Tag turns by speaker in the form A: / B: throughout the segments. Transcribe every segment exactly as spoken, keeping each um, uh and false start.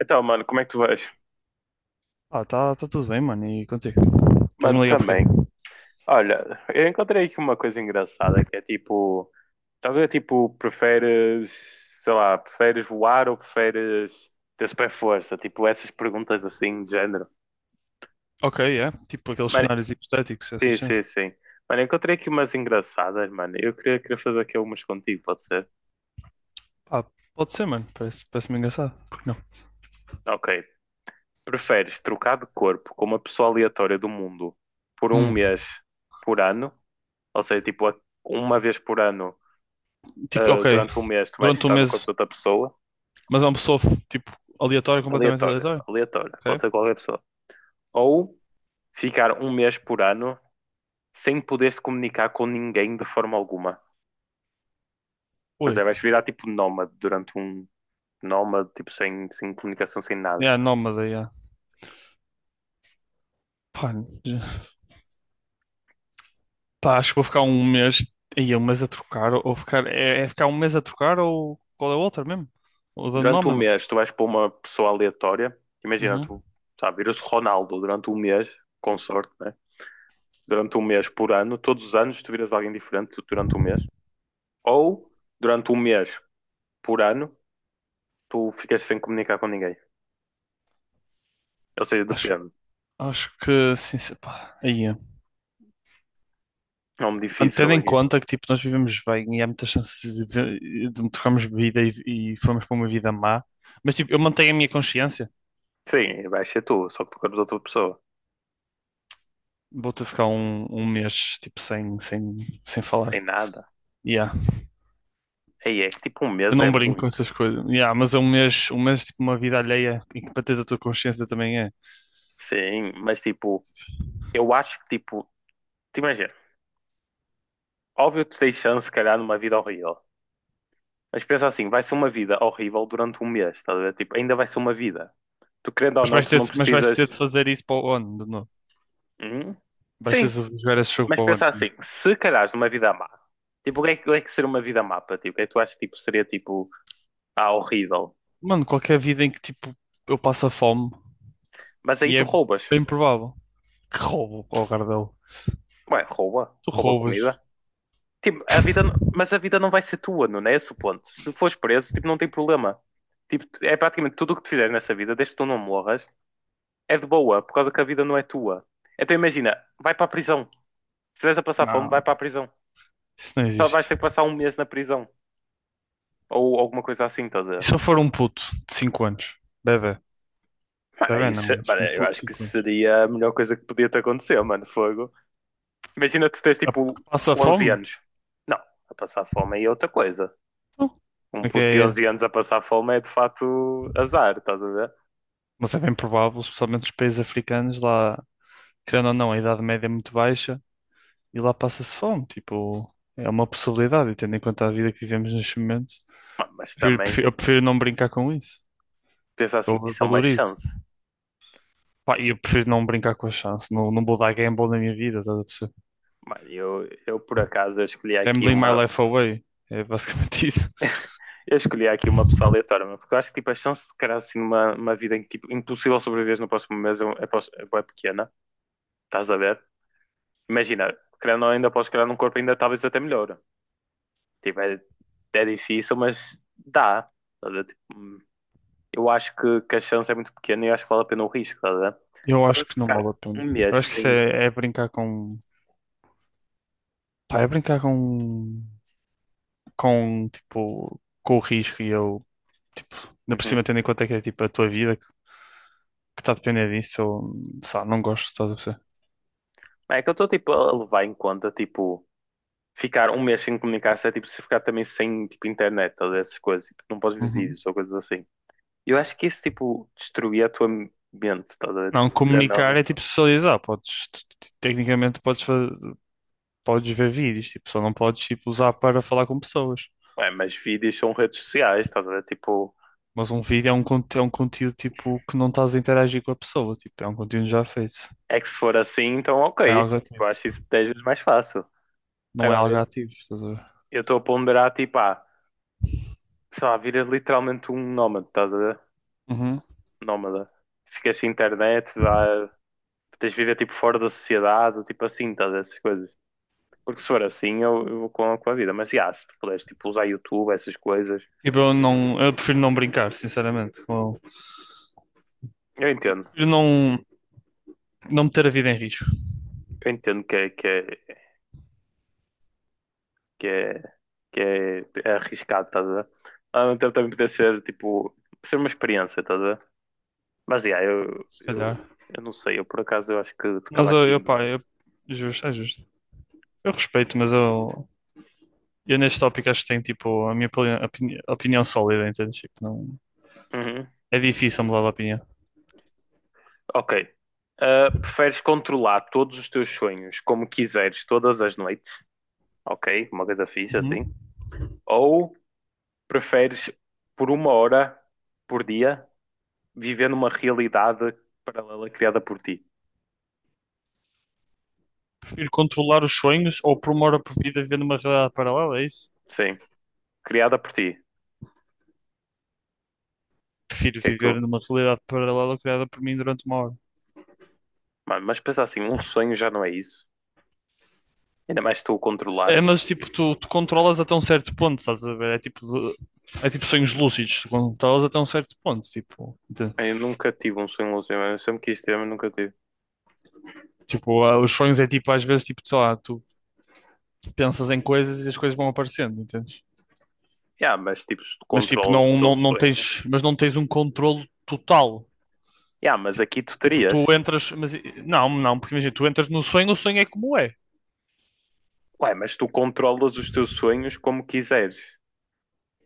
A: Então, mano, como é que tu vais?
B: Ah, tá, tá tudo bem, mano. E contigo? Estás-me
A: Mano,
B: a ligar porquê?
A: também. Olha, eu encontrei aqui uma coisa engraçada que é tipo, estás a ver, tipo, preferes, sei lá, preferes voar ou preferes ter super força? Tipo, essas perguntas assim de género.
B: Ok, é. Tipo aqueles
A: Mano,
B: cenários hipotéticos, essas
A: sim,
B: cenas.
A: sim, sim. Mano, eu encontrei aqui umas engraçadas, mano. Eu queria, queria fazer aqui umas contigo, pode ser?
B: Ah, pode ser, mano. Parece, parece-me engraçado. Por que não?
A: Ok. Preferes trocar de corpo com uma pessoa aleatória do mundo por um
B: Hum.
A: mês por ano? Ou seja, tipo, uma vez por ano
B: Tipo,
A: ah,
B: ok.
A: durante um mês tu vais
B: Durante um
A: estar no corpo
B: mês.
A: de outra pessoa,
B: Mas é uma pessoa, tipo, aleatória, completamente
A: aleatória,
B: aleatória.
A: aleatória, pode
B: Ok?
A: ser qualquer pessoa. Ou ficar um mês por ano sem poderes comunicar com ninguém de forma alguma. Pois é,
B: Ui.
A: vais virar tipo nómade durante um nómade, tipo sem, sem comunicação, sem nada.
B: É, nómada, yeah. Pá, já- pá, acho que vou ficar um mês. Aí, um mês a trocar. Ou ficar. É, é ficar um mês a trocar ou qual é o outro mesmo? O da
A: Durante um
B: nómada.
A: mês tu vais pôr uma pessoa aleatória, imagina
B: Uhum.
A: tu, sabe, viras Ronaldo durante um mês, com sorte, né? Durante um mês por ano, todos os anos tu viras alguém diferente durante um mês. Ou durante um mês por ano tu ficas sem comunicar com ninguém. Ou seja,
B: Acho,
A: depende.
B: acho que, sim, se- pá. Aí, é.
A: É um
B: Mano, tendo
A: difícil
B: em
A: aqui.
B: conta que tipo, nós vivemos bem e há muitas chances de, vi- de trocarmos vida e, e formos para uma vida má, mas tipo, eu mantenho a minha consciência.
A: Sim, vai ser tu, só que tu queres outra pessoa.
B: Vou-te ter de ficar um, um mês tipo, sem, sem, sem falar.
A: Sem nada.
B: Yeah.
A: Aí é que tipo um
B: Eu
A: mês é
B: não brinco com
A: muito.
B: essas coisas. Yeah, mas é um mês, um mês tipo, uma vida alheia em que para teres a tua consciência também é.
A: Sim, mas tipo, eu acho que tipo, te imagina, óbvio que tu tens chance, se calhar, numa vida horrível. Mas pensa assim, vai ser uma vida horrível durante um mês, estás a ver? Tipo, ainda vai ser uma vida. Tu querendo ou
B: Mas
A: não,
B: vais
A: tu
B: ter,
A: não
B: mas vais ter
A: precisas.
B: de fazer isso para o ano de novo.
A: Hum?
B: Vais ter
A: Sim,
B: de jogar esse jogo
A: mas
B: para o ano
A: pensa
B: de
A: assim,
B: novo.
A: se calhar numa vida má, tipo, o que é que, o que é que seria uma vida má para ti? O que é que tu achas que tipo, seria tipo, ah, horrível?
B: Mano, qualquer vida em que tipo, eu passo a fome
A: Mas aí
B: e
A: tu
B: é
A: roubas.
B: bem provável que roubo ao Gardel.
A: Ué, rouba,
B: Tu
A: rouba comida.
B: roubas.
A: Tipo, a vida, n- mas a vida não vai ser tua, não é esse o ponto. Se tu fores preso, tipo, não tem problema. Tipo, é praticamente tudo o que tu fizeres nessa vida, desde que tu não morras, é de boa, por causa que a vida não é tua. Então imagina, vai para a prisão. Se estiveres a passar fome, vai
B: Não,
A: para a prisão.
B: isso não
A: Só vais
B: existe.
A: ter que passar um mês na prisão. Ou alguma coisa assim,
B: E
A: toda.
B: se eu for um puto de cinco anos? Bebê.
A: Mano, é
B: Bebê
A: isso,
B: não, mas
A: mano,
B: um
A: eu
B: puto de
A: acho que
B: cinco anos.
A: seria a melhor coisa que podia te acontecer, mano, fogo. Imagina tu tens
B: Ah, que
A: tipo
B: passa
A: onze
B: fome?
A: anos. Não, a passar fome aí é outra coisa.
B: Então,
A: Um
B: como é que
A: puto de onze
B: é?
A: anos a passar fome é de facto azar, estás a ver?
B: Mas é bem provável, especialmente nos países africanos, lá, querendo ou não, a idade média é muito baixa e lá passa-se fome. Tipo, é uma possibilidade, e tendo em conta a vida que vivemos neste momento,
A: Mas
B: prefiro-
A: também
B: prefiro- eu prefiro não brincar com isso.
A: pensa assim,
B: Eu
A: isso é uma
B: valorizo.
A: chance.
B: Pá, e eu prefiro não brincar com a chance. Não, não vou dar gamble na minha vida, estás a perceber?
A: Mano, eu, eu por acaso eu escolhi aqui
B: Gambling my
A: uma.
B: life away. É basicamente isso.
A: Eu escolhi aqui uma pessoa aleatória, mano, porque eu acho que tipo, a chance de criar assim uma uma vida em que tipo, impossível sobreviver no próximo mês é, um, é, é, pequena, estás a ver? Imagina, criando ainda podes criar um corpo ainda talvez até melhor. Tipo, é, é difícil, mas dá. Estás a ver? Tipo, hum, eu acho que, que a chance é muito pequena e eu acho que vale a pena o risco, estás a ver?
B: Eu acho
A: Quando eu
B: que não
A: ficar
B: vale a pena.
A: um mês
B: Eu acho que isso
A: sem,
B: é, é brincar com. Pá, é brincar com. Com, tipo. Com o risco e eu. Tipo, ainda por
A: uhum.
B: cima, tendo em conta que é tipo a tua vida que está a depender disso, eu. Sei lá, não gosto, estás a perceber?
A: É que eu estou tipo a levar em conta tipo ficar um mês sem comunicar-se é tipo se ficar também sem tipo internet, todas essas coisas, tipo, não podes ver
B: Uhum.
A: vídeos ou coisas assim. Eu acho que isso tipo destruía a tua mente, estás a ver?
B: Não,
A: Tipo, querendo ou
B: comunicar
A: não.
B: é tipo socializar. Podes. tu- tu- Tecnicamente, podes, fa- podes ver vídeos, tipo, só não podes tipo, usar para falar com pessoas.
A: Ué, mas vídeos são redes sociais, estás a ver? Tipo,
B: Mas um vídeo é um, conte- é um conteúdo tipo que não estás a interagir com a pessoa, tipo, é um conteúdo já feito.
A: é que se for assim, então
B: Não é
A: ok.
B: algo
A: Tipo,
B: ativo.
A: eu acho isso dez vezes mais fácil.
B: Não é
A: Agora,
B: algo
A: eu
B: ativo, estás a ver?
A: eu estou a ponderar tipo, ah, sei lá, viras literalmente um nómada, estás a ver?
B: Uhum.
A: Nómada. Ficas sem internet, vá, tens de viver tipo fora da sociedade, tipo assim, estás a ver? Essas coisas. Porque se for assim, eu, eu vou com, com a vida. Mas já, se tu puderes tipo, usar YouTube, essas coisas,
B: Tipo, eu não, eu prefiro não brincar, sinceramente. com-
A: eu entendo.
B: Prefiro não, não meter a vida em risco,
A: Eu entendo que é, que é, que é, que é, é arriscado, estás a ver? Mas ao mesmo tempo também poder ser, tipo, ser uma experiência, estás a ver? Mas já, eu,
B: se calhar.
A: eu, eu não sei. Eu por acaso eu acho que
B: Mas
A: ficava
B: eu,
A: aqui
B: eu
A: em
B: pá,
A: dúvida.
B: eu, justo, é justo. Eu respeito, mas eu, eu neste tópico acho que tenho tipo a minha opini- opini- opinião sólida, entendes? Tipo, não,
A: Uhum.
B: é difícil mudar de opinião.
A: Ok. Ah, preferes controlar todos os teus sonhos como quiseres todas as noites? Ok, uma coisa fixe assim.
B: Uhum.
A: Ou preferes por uma hora por dia viver numa realidade paralela criada por ti.
B: Prefiro controlar os sonhos ou por uma hora por vida viver numa realidade paralela, é isso?
A: Sim, criada por ti. O
B: Prefiro
A: que é que
B: viver
A: tu.
B: numa realidade paralela criada por mim durante uma hora.
A: Mano, mas pensa assim, um sonho já não é isso. Ainda mais se tu o controlares.
B: É, mas tipo, tu, tu controlas até um certo ponto, estás a ver? É tipo, de- é tipo sonhos lúcidos, tu controlas até um certo ponto, tipo, entende?
A: Eu nunca tive um sonho lúcido, mas eu sempre quis ter, mas nunca tive.
B: Tipo, ah, os sonhos é tipo, às vezes, tipo, sei lá, tu pensas em coisas e as coisas vão aparecendo, entendes?
A: Yeah, mas tipo, se tu
B: Mas tipo,
A: controlas o
B: não,
A: teu
B: não, não
A: sonho. Né?
B: tens, mas não tens um controlo total.
A: Yeah, mas
B: Tipo,
A: aqui tu
B: tipo,
A: terias.
B: tu entras, mas não, não, porque imagina, tu entras no sonho, o sonho é como é.
A: Ué, mas tu controlas os teus sonhos como quiseres.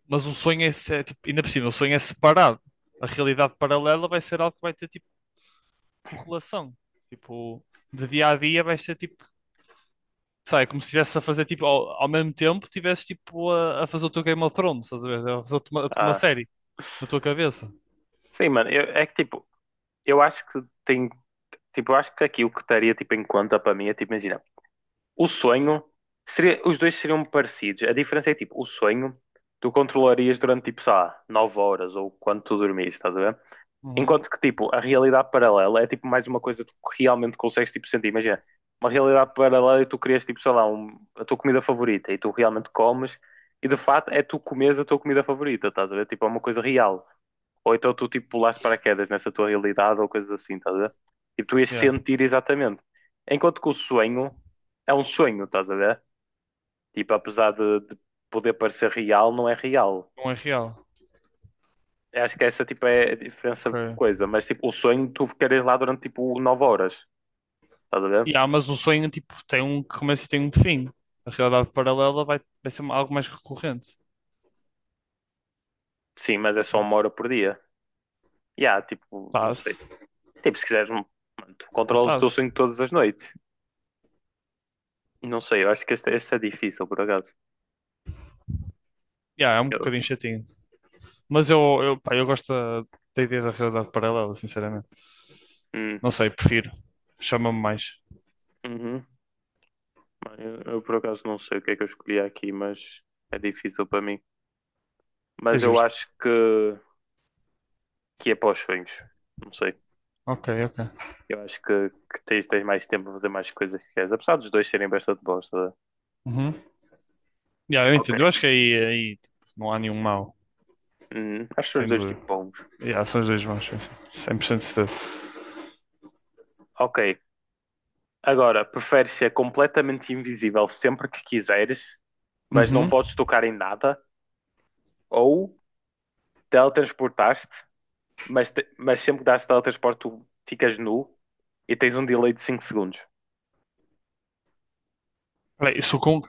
B: Mas o sonho é, se- é, tipo, ainda por cima, o sonho é separado. A realidade paralela vai ser algo que vai ter tipo correlação. Tipo, de dia a dia vai ser tipo, sabe, como se estivesse a fazer tipo, ao, ao mesmo tempo, estivesse tipo a, a fazer o teu Game of Thrones, estás a ver? A fazer uma, uma
A: Ah,
B: série na tua cabeça.
A: sim, mano, eu- é que tipo, eu acho que tem. Tipo, eu acho que aqui o que estaria tipo, em conta para mim é tipo, imagina, o sonho seria, os dois seriam parecidos. A diferença é tipo, o sonho tu controlarias durante tipo, sei lá, nove horas ou quando tu dormires, estás a ver?
B: Uhum.
A: Enquanto que tipo, a realidade paralela é tipo mais uma coisa que tu realmente consegues tipo sentir. Imagina, uma realidade paralela e tu crias tipo, sei lá, um- a tua comida favorita e tu realmente comes e de fato é tu comes a tua comida favorita, estás a ver? Tipo, é uma coisa real. Ou então tu tipo pulaste paraquedas nessa tua realidade ou coisas assim, estás a ver? E tu ias
B: Yeah.
A: sentir exatamente. Enquanto que o sonho é um sonho, estás a ver? Tipo, apesar de, de poder parecer real, não é real.
B: Não é real.
A: Eu acho que essa tipo é a diferença
B: Ok.
A: de coisa, mas tipo, o sonho tu ficares lá durante tipo nove horas, estás a ver?
B: Yeah, mas o sonho tipo tem um começo e tem um fim. A realidade paralela vai, vai ser algo mais recorrente.
A: Sim, mas é só uma hora por dia. E há, tipo, não sei.
B: Tá-se.
A: Tipo, se quiseres, mano, tu
B: É
A: controlas o teu
B: tá-se.
A: sonho todas as noites. Não sei, eu acho que este, este é difícil, por acaso.
B: Yeah, é um
A: Eu,
B: bocadinho chatinho. Mas eu, eu, pá, eu gosto da, da ideia da realidade paralela, sinceramente.
A: hum,
B: Não sei, prefiro. Chama-me mais.
A: uhum. Mano, Eu, eu por acaso não sei o que é que eu escolhi aqui, mas é difícil para mim.
B: É
A: Mas eu
B: justo.
A: acho que, que é para os sonhos. Não sei.
B: Ok, ok.
A: Eu acho que, que tens, tens mais tempo para fazer mais coisas que queres. Apesar dos dois serem bastante bons. Tá?
B: Uhum. Yeah, eu
A: Ok.
B: entendo. Eu acho que aí, aí tipo, não há nenhum mal
A: Hum, acho que são os
B: sem
A: dois
B: dúvida.
A: tipo bons.
B: Yeah, são os dois maus, sim, sim. cem por cento certeza.
A: Ok. Agora, preferes ser completamente invisível sempre que quiseres, mas não
B: Uhum.
A: podes tocar em nada? Ou teletransportaste, mas, te- mas sempre que dás teletransporte tu ficas nu e tens um delay de cinco segundos?
B: Peraí, eu sou com...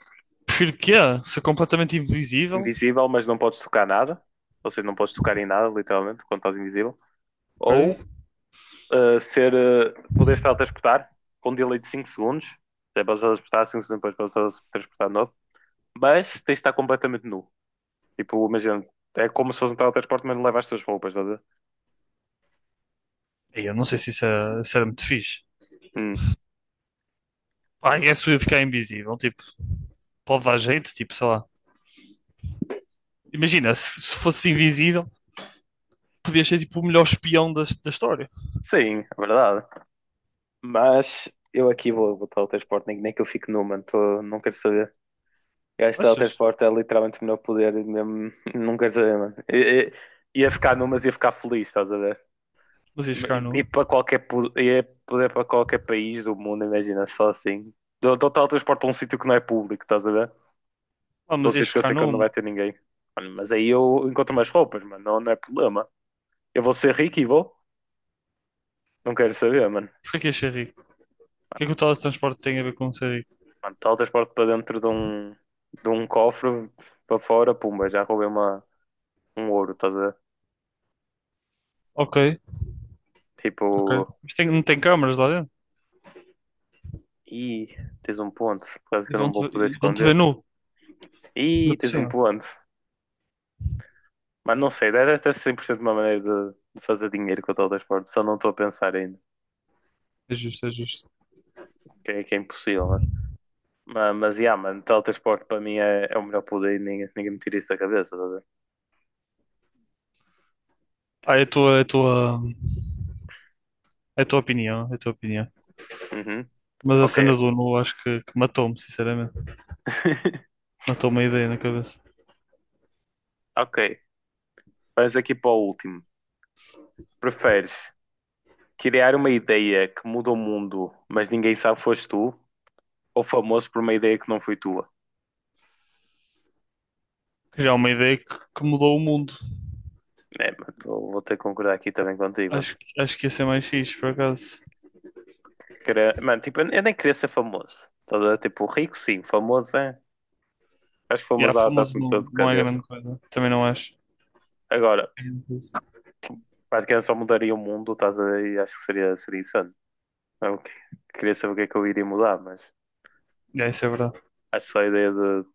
B: Prefiro que é? Ser completamente invisível,
A: Invisível, mas não podes tocar nada. Ou seja, não podes tocar em nada, literalmente, quando estás invisível.
B: ok?
A: Ou uh, ser, uh, poderes teletransportar com um delay de cinco segundos. Já podes teletransportar cinco segundos, depois podes teletransportar de novo. Mas tens de estar completamente nu. Tipo, imagina, é como se fosse um teletransporte, mas não leva as tuas roupas, estás a ver?
B: Ei, eu não sei se isso, é, se era muito fixe.
A: Hum.
B: Ah, é se eu ficar invisível, tipo, pode dar jeito, tipo, sei lá. Imagina, se, se fosse invisível, podias ser tipo o melhor espião da, da história.
A: Sim, é verdade. Mas eu aqui vou botar o teletransporte, nem, nem que eu fique nu, mano. Tô- não quero saber. Eu acho que
B: Achas?
A: teletransporte é literalmente o meu poder, mesmo, não quero saber, mano. I- i- Ia ficar numas, ia ficar feliz, estás a ver?
B: Mas ias ficar nu?
A: E, e para qualquer, po- ia poder para qualquer país do mundo, imagina, só assim. Dou, dou teletransporte para um sítio que não é público, estás a ver?
B: Ah,
A: Para um
B: mas ias
A: sítio que eu
B: ficar
A: sei que
B: nu,
A: não vai
B: mano.
A: ter ninguém. Mano, mas aí eu encontro mais roupas, mano, não, não é problema. Eu vou ser rico e vou, não quero saber, mano.
B: Porquê que ias ser rico? O que é
A: Mano,
B: que o teletransporte tem a ver com ser rico?
A: mano, teletransporte para dentro de um, de um cofre, para fora, pumba, já roubei uma, um ouro, estás a ver?
B: Ok, ok.
A: Tipo.
B: Mas tem- não tem câmaras lá dentro?
A: Ih, tens um ponto. Quase
B: E
A: que eu não
B: vão-te
A: vou
B: ver-
A: poder
B: e vão-te ver
A: esconder.
B: nu, ainda
A: Ih,
B: por
A: tens um
B: cima.
A: ponto. Mas não sei, deve ter cem por cento uma maneira de, de fazer dinheiro com o teletransporte. Só não estou a pensar ainda.
B: É justo, é justo.
A: Que é, que é impossível, né? Mas, mas yeah, mano, teletransporte para mim é, é o melhor poder e ninguém, ninguém me tira isso da cabeça, tá a ver?
B: Ah, é a tua, é a tua, é a tua opinião, é a tua opinião.
A: Uhum.
B: Mas a
A: Ok.
B: cena do nu acho que, que matou-me, sinceramente. Matou-me a ideia na cabeça.
A: Ok. Vamos aqui para o último. Preferes criar uma ideia que muda o mundo, mas ninguém sabe que foste tu, ou famoso por uma ideia que não foi tua?
B: Que já é uma ideia que, que mudou o mundo.
A: É, mano, vou vou ter que concordar aqui também contigo,
B: Acho, que- acho que ia ser mais fixe, por acaso.
A: querer. Mano, tipo, eu eu nem queria ser famoso. Tá a ver? Tipo, rico sim, famoso é. Acho que
B: E
A: famoso
B: a
A: dá dá-te
B: famoso
A: um
B: não,
A: todo de
B: não é grande
A: cabeça.
B: coisa. Também não acho.
A: Agora,
B: É grande coisa.
A: praticamente só mudaria o mundo, estás a ver? E acho que seria, seria insano. Não, que- queria saber o que é que eu iria mudar, mas
B: É, isso é verdade.
A: acho que só a ideia de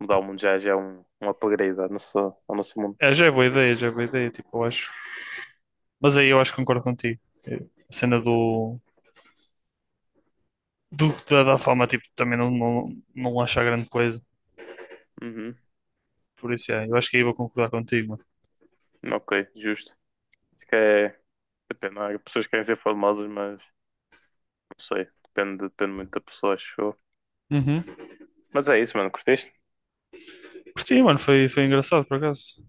A: mudar o mundo já, já é um, um upgrade ao nosso, ao nosso mundo.
B: É, já é boa ideia, já é boa ideia. Tipo, eu acho. Mas aí eu acho que concordo contigo. É, a cena do, do da, da fama, tipo, também não, não, não acho a grande coisa.
A: Uhum.
B: Por isso, é, eu acho que aí vou concordar contigo, mano.
A: Ok, justo. Acho que é. Depende, há pessoas que querem ser famosas, mas não sei. Depende, depende muito da pessoa, acho eu.
B: Uhum.
A: Mas é isso, mano. Curtiste?
B: Curti, mano, foi, foi engraçado, por acaso.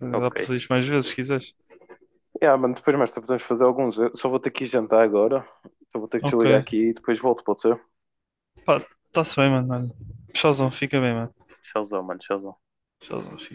B: Eh, dá para
A: Ok.
B: fazer isto mais vezes, se quiseres.
A: Yeah, mano, depois mais tarde podemos fazer alguns. Eu só vou ter que ir jantar agora. Só vou ter que
B: Ok.
A: desligar aqui e depois volto, pode ser?
B: Pá, tá-se bem, mano. Olha. Tchauzão, fica bem, mano.
A: Tchauzão, mano, tchauzão.
B: Tchauzão, fica